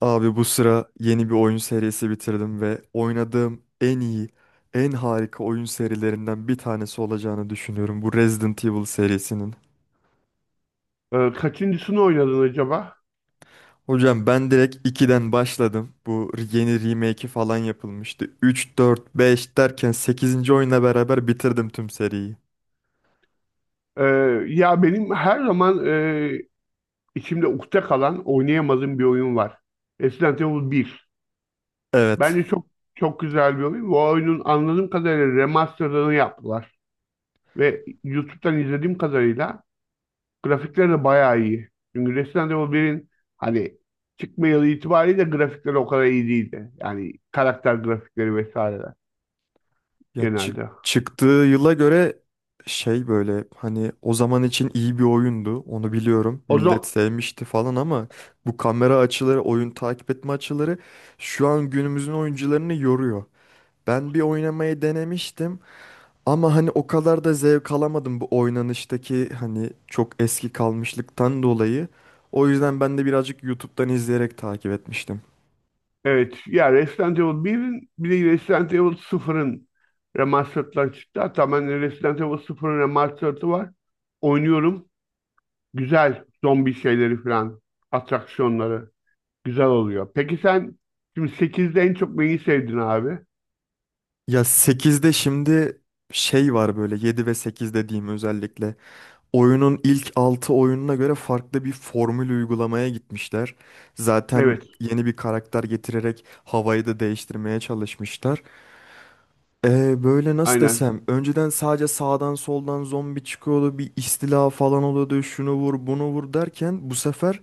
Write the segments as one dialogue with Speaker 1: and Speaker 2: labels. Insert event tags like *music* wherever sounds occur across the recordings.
Speaker 1: Abi bu sıra yeni bir oyun serisi bitirdim ve oynadığım en iyi, en harika oyun serilerinden bir tanesi olacağını düşünüyorum bu Resident Evil serisinin.
Speaker 2: Kaçıncısını oynadın acaba?
Speaker 1: Hocam ben direkt 2'den başladım. Bu yeni remake'i falan yapılmıştı. Üç 4 5 derken sekizinci oyunla beraber bitirdim tüm seriyi.
Speaker 2: Ee, ya benim her zaman içimde ukde kalan oynayamadığım bir oyun var. Resident Evil 1.
Speaker 1: Evet.
Speaker 2: Bence çok çok güzel bir oyun. Bu oyunun anladığım kadarıyla remasterını yaptılar. Ve YouTube'dan izlediğim kadarıyla grafikleri de bayağı iyi. Çünkü Resident Evil 1'in hani çıkma yılı itibariyle grafikleri o kadar iyi değildi. Yani karakter grafikleri vesaireler
Speaker 1: Ya
Speaker 2: genelde.
Speaker 1: çıktığı yıla göre şey böyle hani o zaman için iyi bir oyundu onu biliyorum.
Speaker 2: O
Speaker 1: Millet
Speaker 2: zaman.
Speaker 1: sevmişti falan ama bu kamera açıları, oyun takip etme açıları şu an günümüzün oyuncularını yoruyor. Ben bir oynamayı denemiştim ama hani o kadar da zevk alamadım bu oynanıştaki hani çok eski kalmışlıktan dolayı. O yüzden ben de birazcık YouTube'dan izleyerek takip etmiştim.
Speaker 2: Evet. Ya Resident Evil 1'in bir de Resident Evil 0'ın remastered'ları çıktı. Hatta ben Resident Evil 0'ın remastered'ı var. Oynuyorum. Güzel. Zombi şeyleri falan. Atraksiyonları. Güzel oluyor. Peki sen şimdi 8'de en çok neyi sevdin abi?
Speaker 1: Ya 8'de şimdi şey var böyle 7 ve 8 dediğim özellikle. Oyunun ilk 6 oyununa göre farklı bir formül uygulamaya gitmişler. Zaten
Speaker 2: Evet.
Speaker 1: yeni bir karakter getirerek havayı da değiştirmeye çalışmışlar. Böyle nasıl
Speaker 2: Aynen.
Speaker 1: desem, önceden sadece sağdan soldan zombi çıkıyordu, bir istila falan oluyordu, şunu vur, bunu vur derken bu sefer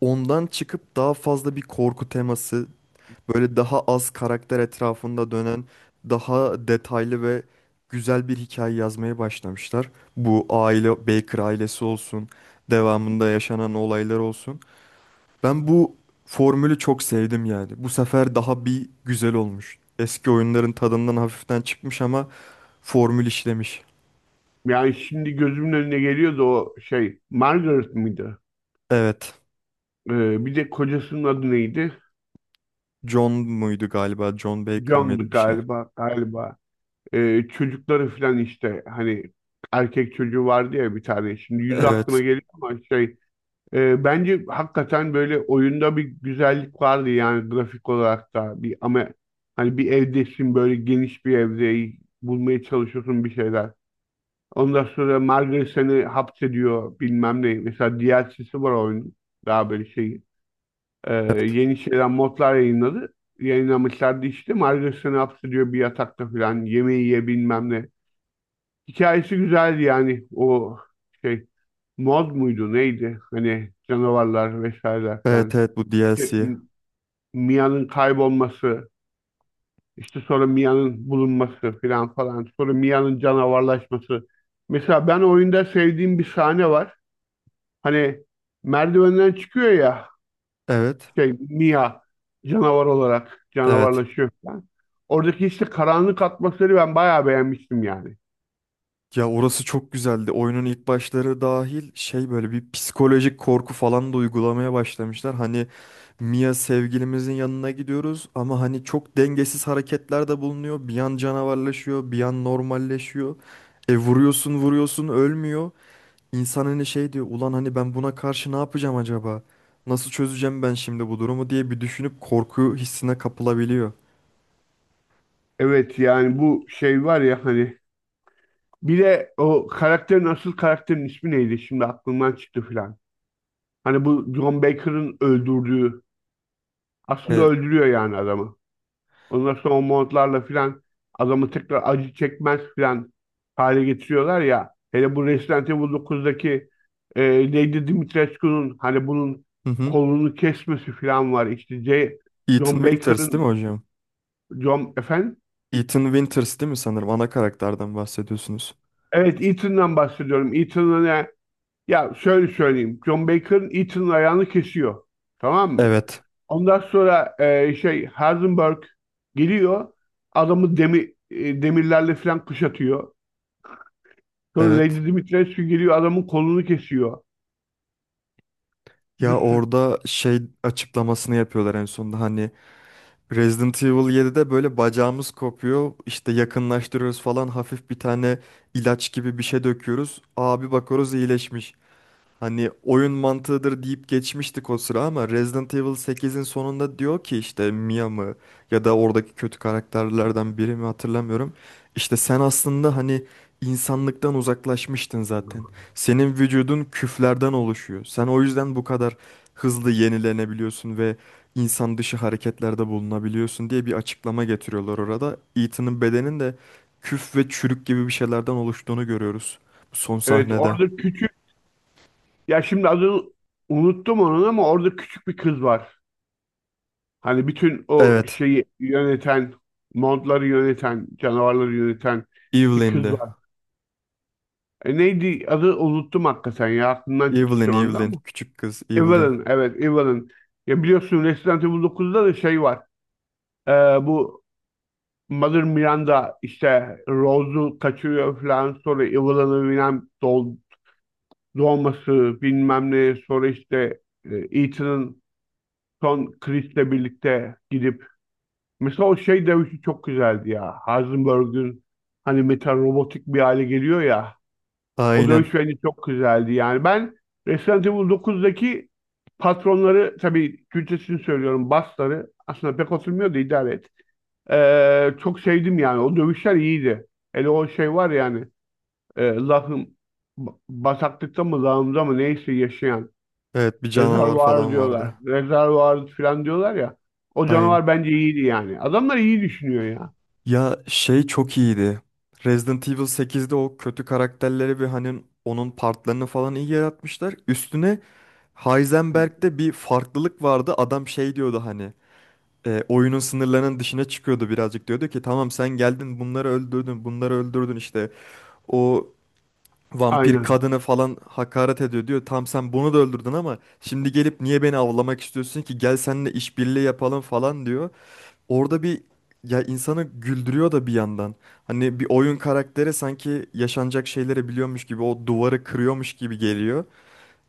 Speaker 1: ondan çıkıp daha fazla bir korku teması, böyle daha az karakter etrafında dönen, daha detaylı ve güzel bir hikaye yazmaya başlamışlar. Bu aile, Baker ailesi olsun, devamında yaşanan olaylar olsun. Ben bu formülü çok sevdim yani. Bu sefer daha bir güzel olmuş. Eski oyunların tadından hafiften çıkmış ama formül işlemiş.
Speaker 2: Yani şimdi gözümün önüne geliyordu o şey. Margaret mıydı?
Speaker 1: Evet.
Speaker 2: Bir de kocasının adı neydi?
Speaker 1: John muydu galiba? John Baker mıydı
Speaker 2: John'du
Speaker 1: bir şey?
Speaker 2: galiba. Galiba. Çocukları falan işte hani erkek çocuğu vardı ya bir tane. Şimdi yüzü aklıma
Speaker 1: Evet.
Speaker 2: geliyor ama şey bence hakikaten böyle oyunda bir güzellik vardı yani grafik olarak da bir ama hani bir evdesin böyle geniş bir evde bulmaya çalışıyorsun bir şeyler. Ondan sonra Margaret seni hapsediyor bilmem ne. Mesela DLC'si var oyunun. Daha böyle şey
Speaker 1: Evet.
Speaker 2: yeni şeyler modlar yayınladı. Yayınlamışlardı işte. Margaret seni hapsediyor bir yatakta falan. Yemeği ye bilmem ne. Hikayesi güzeldi yani o şey mod muydu neydi? Hani canavarlar vesaireler
Speaker 1: Evet,
Speaker 2: falan.
Speaker 1: evet, bu
Speaker 2: İşte
Speaker 1: DLC.
Speaker 2: Mia'nın kaybolması, işte sonra Mia'nın bulunması falan falan. Sonra Mia'nın canavarlaşması. Mesela ben oyunda sevdiğim bir sahne var. Hani merdivenden çıkıyor ya
Speaker 1: Evet.
Speaker 2: şey Mia canavar olarak
Speaker 1: Evet.
Speaker 2: canavarlaşıyor falan. Oradaki işte karanlık atmosferi ben bayağı beğenmiştim yani.
Speaker 1: Ya orası çok güzeldi. Oyunun ilk başları dahil şey böyle bir psikolojik korku falan da uygulamaya başlamışlar. Hani Mia sevgilimizin yanına gidiyoruz ama hani çok dengesiz hareketler de bulunuyor. Bir an canavarlaşıyor, bir an normalleşiyor. E vuruyorsun vuruyorsun, ölmüyor. İnsan hani şey diyor, ulan hani ben buna karşı ne yapacağım acaba? Nasıl çözeceğim ben şimdi bu durumu diye bir düşünüp korku hissine kapılabiliyor.
Speaker 2: Evet, yani bu şey var ya hani bir de o karakterin, asıl karakterin ismi neydi? Şimdi aklımdan çıktı filan. Hani bu John Baker'ın öldürdüğü, aslında
Speaker 1: E,
Speaker 2: öldürüyor yani adamı. Ondan sonra o montlarla filan adamı tekrar acı çekmez filan hale getiriyorlar ya. Hele bu Resident Evil 9'daki e, Lady Dimitrescu'nun hani bunun
Speaker 1: hı hı.
Speaker 2: kolunu kesmesi filan var. İşte
Speaker 1: Ethan
Speaker 2: John
Speaker 1: Winters değil
Speaker 2: Baker'ın.
Speaker 1: mi hocam?
Speaker 2: John efendim.
Speaker 1: Ethan Winters değil mi sanırım? Ana karakterden bahsediyorsunuz.
Speaker 2: Evet, Ethan'dan bahsediyorum. Ya şöyle söyleyeyim. John Baker'ın Eaton'un ayağını kesiyor. Tamam mı?
Speaker 1: Evet.
Speaker 2: Ondan sonra şey Heisenberg geliyor. Adamı demirlerle falan kuşatıyor. Sonra
Speaker 1: Evet.
Speaker 2: Lady Dimitrescu geliyor adamın kolunu kesiyor.
Speaker 1: Ya
Speaker 2: Bir sürü.
Speaker 1: orada şey açıklamasını yapıyorlar en sonunda hani Resident Evil 7'de böyle bacağımız kopuyor işte yakınlaştırıyoruz falan hafif bir tane ilaç gibi bir şey döküyoruz. Abi bakıyoruz iyileşmiş. Hani oyun mantığıdır deyip geçmiştik o sıra ama Resident Evil 8'in sonunda diyor ki işte Mia mı ya da oradaki kötü karakterlerden biri mi hatırlamıyorum. İşte sen aslında hani insanlıktan uzaklaşmıştın zaten. Senin vücudun küflerden oluşuyor. Sen o yüzden bu kadar hızlı yenilenebiliyorsun ve insan dışı hareketlerde bulunabiliyorsun diye bir açıklama getiriyorlar orada. Ethan'ın bedenin de küf ve çürük gibi bir şeylerden oluştuğunu görüyoruz bu son
Speaker 2: Evet,
Speaker 1: sahnede.
Speaker 2: orada küçük. Ya şimdi adını unuttum onun ama orada küçük bir kız var. Hani bütün o
Speaker 1: Evet.
Speaker 2: şeyi yöneten, montları yöneten, canavarları yöneten bir kız
Speaker 1: Evelyn'di.
Speaker 2: var. Neydi adı unuttum hakikaten ya aklımdan çıktı
Speaker 1: Evelyn,
Speaker 2: şu anda
Speaker 1: Evelyn.
Speaker 2: ama.
Speaker 1: Küçük kız Evelyn.
Speaker 2: Evelyn, evet Evelyn. Ya biliyorsun Resident Evil 9'da da şey var. Ee, bu Mother Miranda işte Rose'u kaçırıyor falan. Sonra Evelyn'ı bilmem doğması bilmem ne. Sonra işte Ethan'ın son Chris'le birlikte gidip. Mesela o şey dövüşü çok güzeldi ya. Heisenberg'ün hani metal robotik bir hale geliyor ya. O
Speaker 1: Aynen.
Speaker 2: dövüş bence çok güzeldi yani. Ben Resident Evil 9'daki patronları, tabii Türkçesini söylüyorum basları aslında pek oturmuyor da idare et. Çok sevdim yani. O dövüşler iyiydi. Hele o şey var yani lahım bataklıkta mı lağımda mı neyse yaşayan
Speaker 1: Evet, bir canavar
Speaker 2: rezervuar
Speaker 1: falan vardı.
Speaker 2: diyorlar. Rezervuar falan diyorlar ya. O
Speaker 1: Aynen.
Speaker 2: canavar bence iyiydi yani. Adamlar iyi düşünüyor ya.
Speaker 1: Ya şey çok iyiydi. Resident Evil 8'de o kötü karakterleri ve hani onun partlarını falan iyi yaratmışlar. Üstüne Heisenberg'de bir farklılık vardı. Adam şey diyordu, hani oyunun sınırlarının dışına çıkıyordu birazcık. Diyordu ki tamam sen geldin bunları öldürdün bunları öldürdün işte. O vampir
Speaker 2: Aynen.
Speaker 1: kadını falan hakaret ediyor diyor. Tam sen bunu da öldürdün ama şimdi gelip niye beni avlamak istiyorsun ki? Gel seninle işbirliği yapalım falan diyor. Orada bir, ya, insanı güldürüyor da bir yandan. Hani bir oyun karakteri sanki yaşanacak şeyleri biliyormuş gibi o duvarı kırıyormuş gibi geliyor.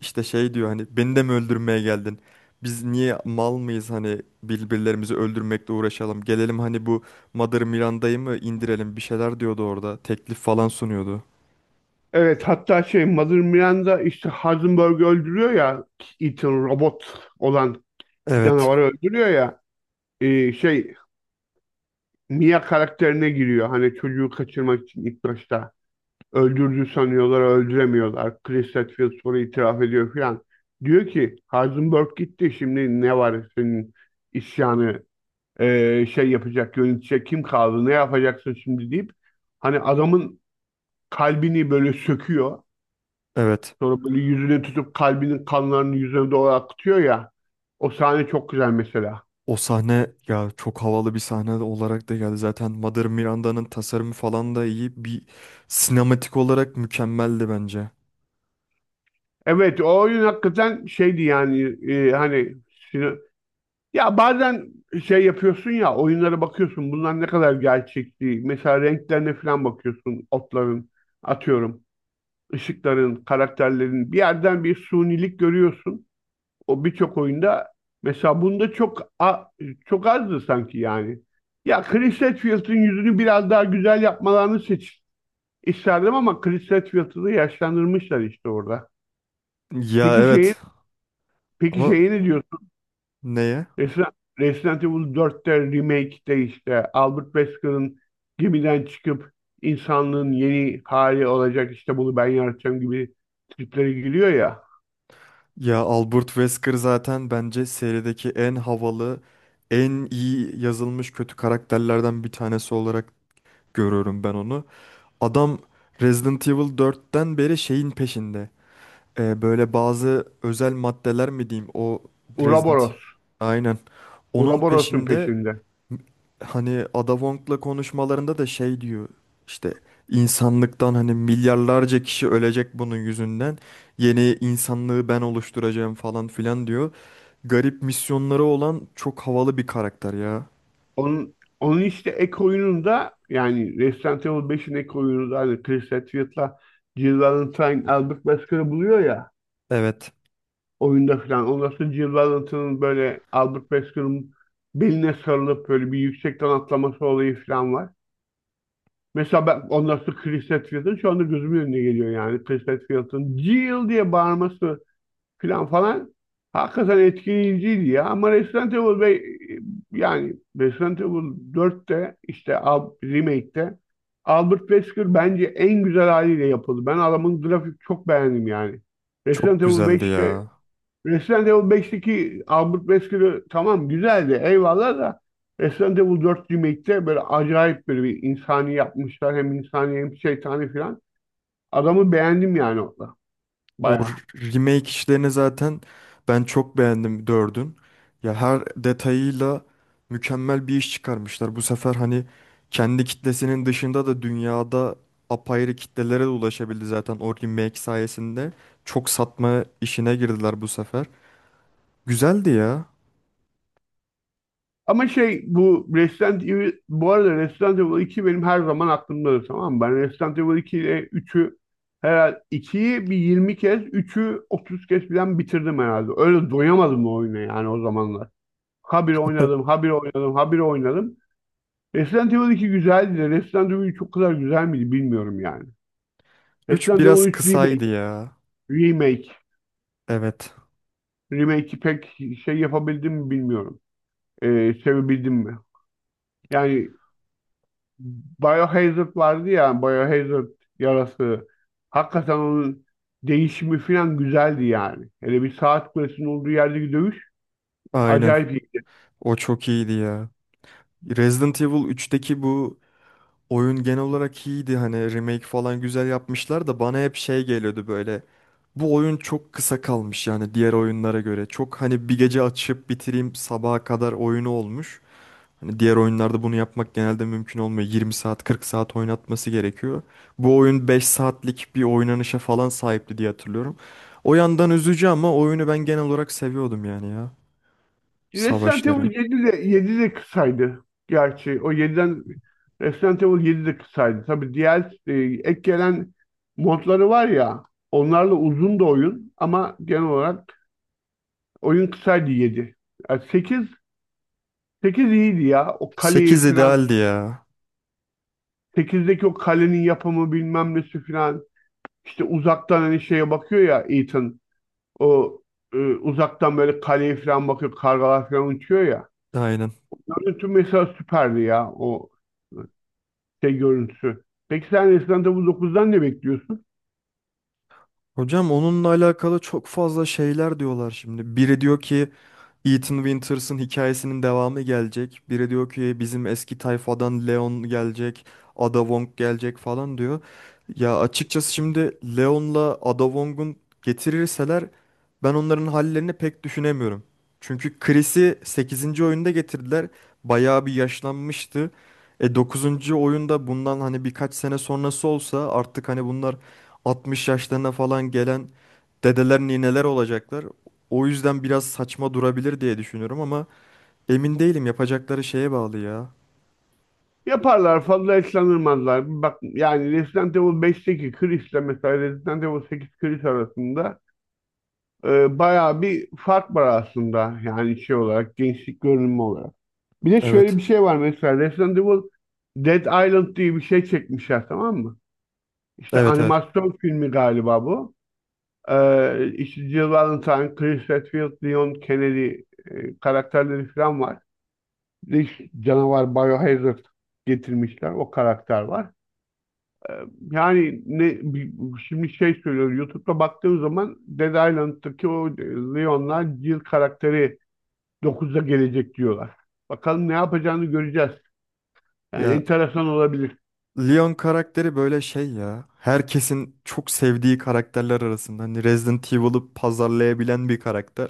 Speaker 1: İşte şey diyor hani beni de mi öldürmeye geldin? Biz niye mal mıyız hani birbirlerimizi öldürmekle uğraşalım. Gelelim hani bu Mother Miranda'yı mı indirelim bir şeyler diyordu orada. Teklif falan sunuyordu.
Speaker 2: Evet, hatta şey Mother Miranda işte Heisenberg'i öldürüyor ya, Ethan robot olan
Speaker 1: Evet.
Speaker 2: canavarı öldürüyor ya, şey Mia karakterine giriyor. Hani çocuğu kaçırmak için ilk başta öldürdü sanıyorlar, öldüremiyorlar. Chris Redfield sonra itiraf ediyor falan. Diyor ki Heisenberg gitti, şimdi ne var senin isyanı şey yapacak, yönetecek kim kaldı, ne yapacaksın şimdi deyip hani adamın kalbini böyle söküyor.
Speaker 1: Evet.
Speaker 2: Sonra böyle yüzüne tutup kalbinin kanlarını yüzüne doğru akıtıyor ya. O sahne çok güzel mesela.
Speaker 1: O sahne ya çok havalı bir sahne olarak da geldi. Zaten Mother Miranda'nın tasarımı falan da iyi. Bir sinematik olarak mükemmeldi bence.
Speaker 2: Evet, o oyun hakikaten şeydi yani hani sino- ya bazen şey yapıyorsun ya oyunlara bakıyorsun bunlar ne kadar gerçekçi. Mesela renklerine falan bakıyorsun otların, atıyorum ışıkların, karakterlerin bir yerden bir sunilik görüyorsun. O birçok oyunda mesela bunda çok azdı sanki yani. Ya Chris Redfield'ın yüzünü biraz daha güzel yapmalarını isterdim ama Chris Redfield'ı da yaşlandırmışlar işte orada.
Speaker 1: Ya,
Speaker 2: Peki şeyi
Speaker 1: evet
Speaker 2: peki
Speaker 1: ama
Speaker 2: şeyi ne diyorsun?
Speaker 1: neye?
Speaker 2: Resident Evil 4'te remake'de işte Albert Wesker'ın gemiden çıkıp insanlığın yeni hali olacak, işte bunu ben yaratacağım gibi triplere giriyor ya.
Speaker 1: Ya Albert Wesker zaten bence serideki en havalı, en iyi yazılmış kötü karakterlerden bir tanesi olarak görüyorum ben onu. Adam Resident Evil dört'ten beri şeyin peşinde. Böyle bazı özel maddeler mi diyeyim o Resident
Speaker 2: Ouroboros.
Speaker 1: Evil. Aynen. Onun
Speaker 2: Ouroboros'un
Speaker 1: peşinde.
Speaker 2: peşinde.
Speaker 1: Hani Ada Wong'la konuşmalarında da şey diyor işte insanlıktan hani milyarlarca kişi ölecek bunun yüzünden yeni insanlığı ben oluşturacağım falan filan diyor. Garip misyonları olan çok havalı bir karakter ya.
Speaker 2: Onun işte ek oyununda yani Resident Evil 5'in ek oyununda hani Chris Hadfield'la Jill Valentine Albert Basker'ı buluyor ya
Speaker 1: Evet.
Speaker 2: oyunda falan. Ondan sonra Jill Valentine'ın böyle Albert Basker'ın beline sarılıp böyle bir yüksekten atlaması olayı falan var. Mesela ben ondan sonra Chris Hadfield'ın şu anda gözümün önüne geliyor yani. Chris Hadfield'ın Jill diye bağırması filan falan hakikaten etkileyiciydi ya. Ama Resident Evil ve yani Resident Evil 4'te işte remake'te Albert Wesker bence en güzel haliyle yapıldı. Ben adamın grafik çok beğendim yani.
Speaker 1: Çok
Speaker 2: Resident Evil
Speaker 1: güzeldi
Speaker 2: 5'te
Speaker 1: ya.
Speaker 2: Resident Evil 5'teki Albert Wesker'ı tamam güzeldi eyvallah da Resident Evil 4 remake'te böyle acayip böyle bir insani yapmışlar. Hem insani hem şeytani filan. Adamı beğendim yani orada.
Speaker 1: O
Speaker 2: Bayağı.
Speaker 1: r- Remake işlerini zaten ben çok beğendim dördün. Ya her detayıyla mükemmel bir iş çıkarmışlar. Bu sefer hani kendi kitlesinin dışında da dünyada apayrı kitlelere de ulaşabildi zaten o remake sayesinde. Çok satma işine girdiler bu sefer. Güzeldi ya.
Speaker 2: Ama şey bu Resident Evil, bu arada Resident Evil 2 benim her zaman aklımdadır tamam mı? Ben Resident Evil 2 ile 3'ü herhalde 2'yi bir 20 kez, 3'ü 30 kez falan bitirdim herhalde. Öyle doyamadım o oyuna yani o zamanlar. Habire
Speaker 1: *laughs*
Speaker 2: oynadım, habire oynadım, habire oynadım. Resident Evil 2 güzeldi de Resident Evil 3 o kadar güzel miydi bilmiyorum yani.
Speaker 1: 3
Speaker 2: Resident Evil
Speaker 1: biraz
Speaker 2: 3
Speaker 1: kısaydı ya.
Speaker 2: Remake,
Speaker 1: Evet.
Speaker 2: Remake'i pek şey yapabildim mi bilmiyorum. Sevebildim mi? Yani Biohazard vardı ya, Biohazard yarası. Hakikaten onun değişimi falan güzeldi yani. Hele bir saat kulesinin olduğu yerdeki dövüş
Speaker 1: Aynen.
Speaker 2: acayip iyiydi.
Speaker 1: O çok iyiydi ya. Resident Evil üçteki bu oyun genel olarak iyiydi hani remake falan güzel yapmışlar da bana hep şey geliyordu böyle. Bu oyun çok kısa kalmış yani diğer oyunlara göre. Çok hani bir gece açıp bitireyim sabaha kadar oyunu olmuş. Hani diğer oyunlarda bunu yapmak genelde mümkün olmuyor. 20 saat 40 saat oynatması gerekiyor. Bu oyun 5 saatlik bir oynanışa falan sahipti diye hatırlıyorum. O yandan üzücü ama oyunu ben genel olarak seviyordum yani ya.
Speaker 2: Resident
Speaker 1: Savaşları.
Speaker 2: Evil 7 de, 7 de kısaydı. Gerçi o yediden Resident Evil 7 de kısaydı. Tabii diğer e, ek gelen modları var ya, onlarla uzun da oyun ama genel olarak oyun kısaydı 7. Yani 8 iyiydi ya. O kaleyi
Speaker 1: Sekiz
Speaker 2: falan
Speaker 1: idealdi ya.
Speaker 2: 8'deki o kalenin yapımı bilmem nesi filan, işte uzaktan hani şeye bakıyor ya Ethan, o uzaktan böyle kaleye filan bakıyor kargalar filan uçuyor ya.
Speaker 1: Aynen.
Speaker 2: Görüntü mesela süperdi ya o şey görüntüsü. Peki sen Resident Evil 9'dan ne bekliyorsun?
Speaker 1: Hocam onunla alakalı çok fazla şeyler diyorlar şimdi. Biri diyor ki Ethan Winters'ın hikayesinin devamı gelecek. Biri diyor ki bizim eski tayfadan Leon gelecek, Ada Wong gelecek falan diyor. Ya açıkçası şimdi Leon'la Ada Wong'un getirirseler ben onların hallerini pek düşünemiyorum. Çünkü Chris'i sekizinci oyunda getirdiler. Bayağı bir yaşlanmıştı. E dokuzuncu oyunda bundan hani birkaç sene sonrası olsa artık hani bunlar 60 yaşlarına falan gelen dedeler nineler olacaklar. O yüzden biraz saçma durabilir diye düşünüyorum ama emin değilim yapacakları şeye bağlı ya.
Speaker 2: Yaparlar fazla eslanırmazlar. Bak yani Resident Evil 5'teki Chris'le mesela Resident Evil 8 Chris arasında bayağı bir fark var aslında. Yani şey olarak, gençlik görünümü olarak. Bir de şöyle
Speaker 1: Evet.
Speaker 2: bir şey var mesela Resident Evil, Dead Island diye bir şey çekmişler tamam mı? İşte
Speaker 1: Evet, evet.
Speaker 2: animasyon filmi galiba bu. İşte Jill Valentine, Chris Redfield, Leon Kennedy karakterleri falan var. Bir de işte canavar Biohazard getirmişler. O karakter var. Ee, yani şimdi şey söylüyor, YouTube'da baktığım zaman Dead Island'daki o Leon'la Jill karakteri 9'da gelecek diyorlar. Bakalım ne yapacağını göreceğiz. Yani
Speaker 1: Ya
Speaker 2: enteresan olabilir.
Speaker 1: Leon karakteri böyle şey ya. Herkesin çok sevdiği karakterler arasında. Hani Resident Evil'ı pazarlayabilen bir karakter.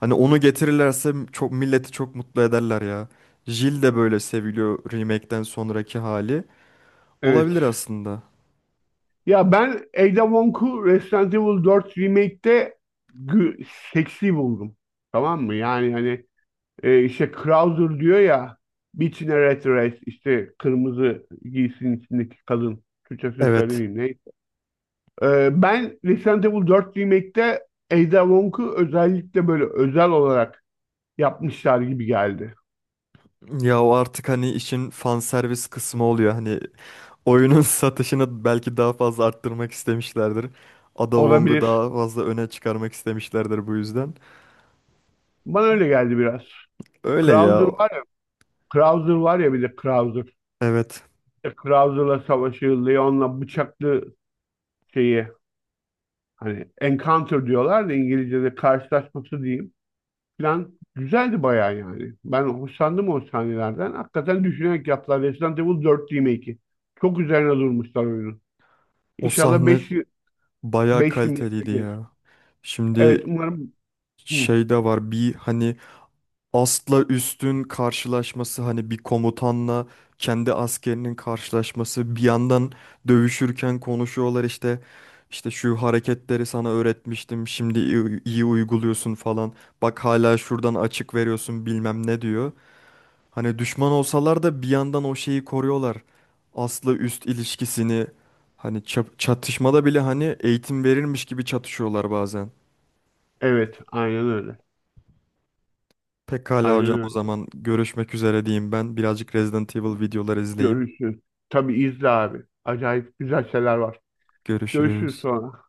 Speaker 1: Hani onu getirirlerse çok milleti çok mutlu ederler ya. Jill de böyle seviliyor remake'den sonraki hali.
Speaker 2: Evet.
Speaker 1: Olabilir aslında.
Speaker 2: Ya ben Ada Wong'u Resident Evil 4 Remake'te gü- seksi buldum. Tamam mı? Yani hani işte Krauser diyor ya, Bitch in a Red Dress, işte kırmızı giysinin içindeki kadın. Türkçesini
Speaker 1: Evet.
Speaker 2: söylemeyeyim neyse. Ben Resident Evil 4 Remake'te Ada Wong'u özellikle böyle özel olarak yapmışlar gibi geldi.
Speaker 1: Ya o artık hani işin fan servis kısmı oluyor. Hani oyunun *laughs* satışını belki daha fazla arttırmak istemişlerdir. Ada Wong'u
Speaker 2: Olabilir.
Speaker 1: daha fazla öne çıkarmak istemişlerdir bu yüzden.
Speaker 2: Bana öyle geldi biraz.
Speaker 1: Öyle
Speaker 2: Krauser
Speaker 1: ya.
Speaker 2: var ya, Krauser var ya bir de Krauser.
Speaker 1: Evet.
Speaker 2: İşte Krauser'la savaşı, Leon'la bıçaklı şeyi, hani encounter diyorlar da İngilizce'de, karşılaşması diyeyim. Plan güzeldi bayağı yani. Ben hoşlandım o sahnelerden. Hakikaten düşünerek yaptılar. Resident Evil 4 remake'i. Çok üzerine durmuşlar oyunun.
Speaker 1: O
Speaker 2: İnşallah
Speaker 1: sahne bayağı
Speaker 2: 5 remake'e
Speaker 1: kaliteliydi
Speaker 2: gelir.
Speaker 1: ya.
Speaker 2: Evet
Speaker 1: Şimdi
Speaker 2: umarım. Hı,
Speaker 1: şey de var bir hani astla üstün karşılaşması, hani bir komutanla kendi askerinin karşılaşması, bir yandan dövüşürken konuşuyorlar, işte işte şu hareketleri sana öğretmiştim şimdi iyi, iyi uyguluyorsun falan, bak hala şuradan açık veriyorsun bilmem ne diyor. Hani düşman olsalar da bir yandan o şeyi koruyorlar. Asla üst ilişkisini hani çatışmada bile hani eğitim verilmiş gibi çatışıyorlar bazen.
Speaker 2: evet aynen öyle.
Speaker 1: Pekala
Speaker 2: Aynen
Speaker 1: hocam o
Speaker 2: öyle.
Speaker 1: zaman görüşmek üzere diyeyim ben. Birazcık Resident Evil videolar izleyeyim.
Speaker 2: Görüşürüz. Tabii izle abi. Acayip güzel şeyler var. Görüşürüz
Speaker 1: Görüşürüz.
Speaker 2: sonra.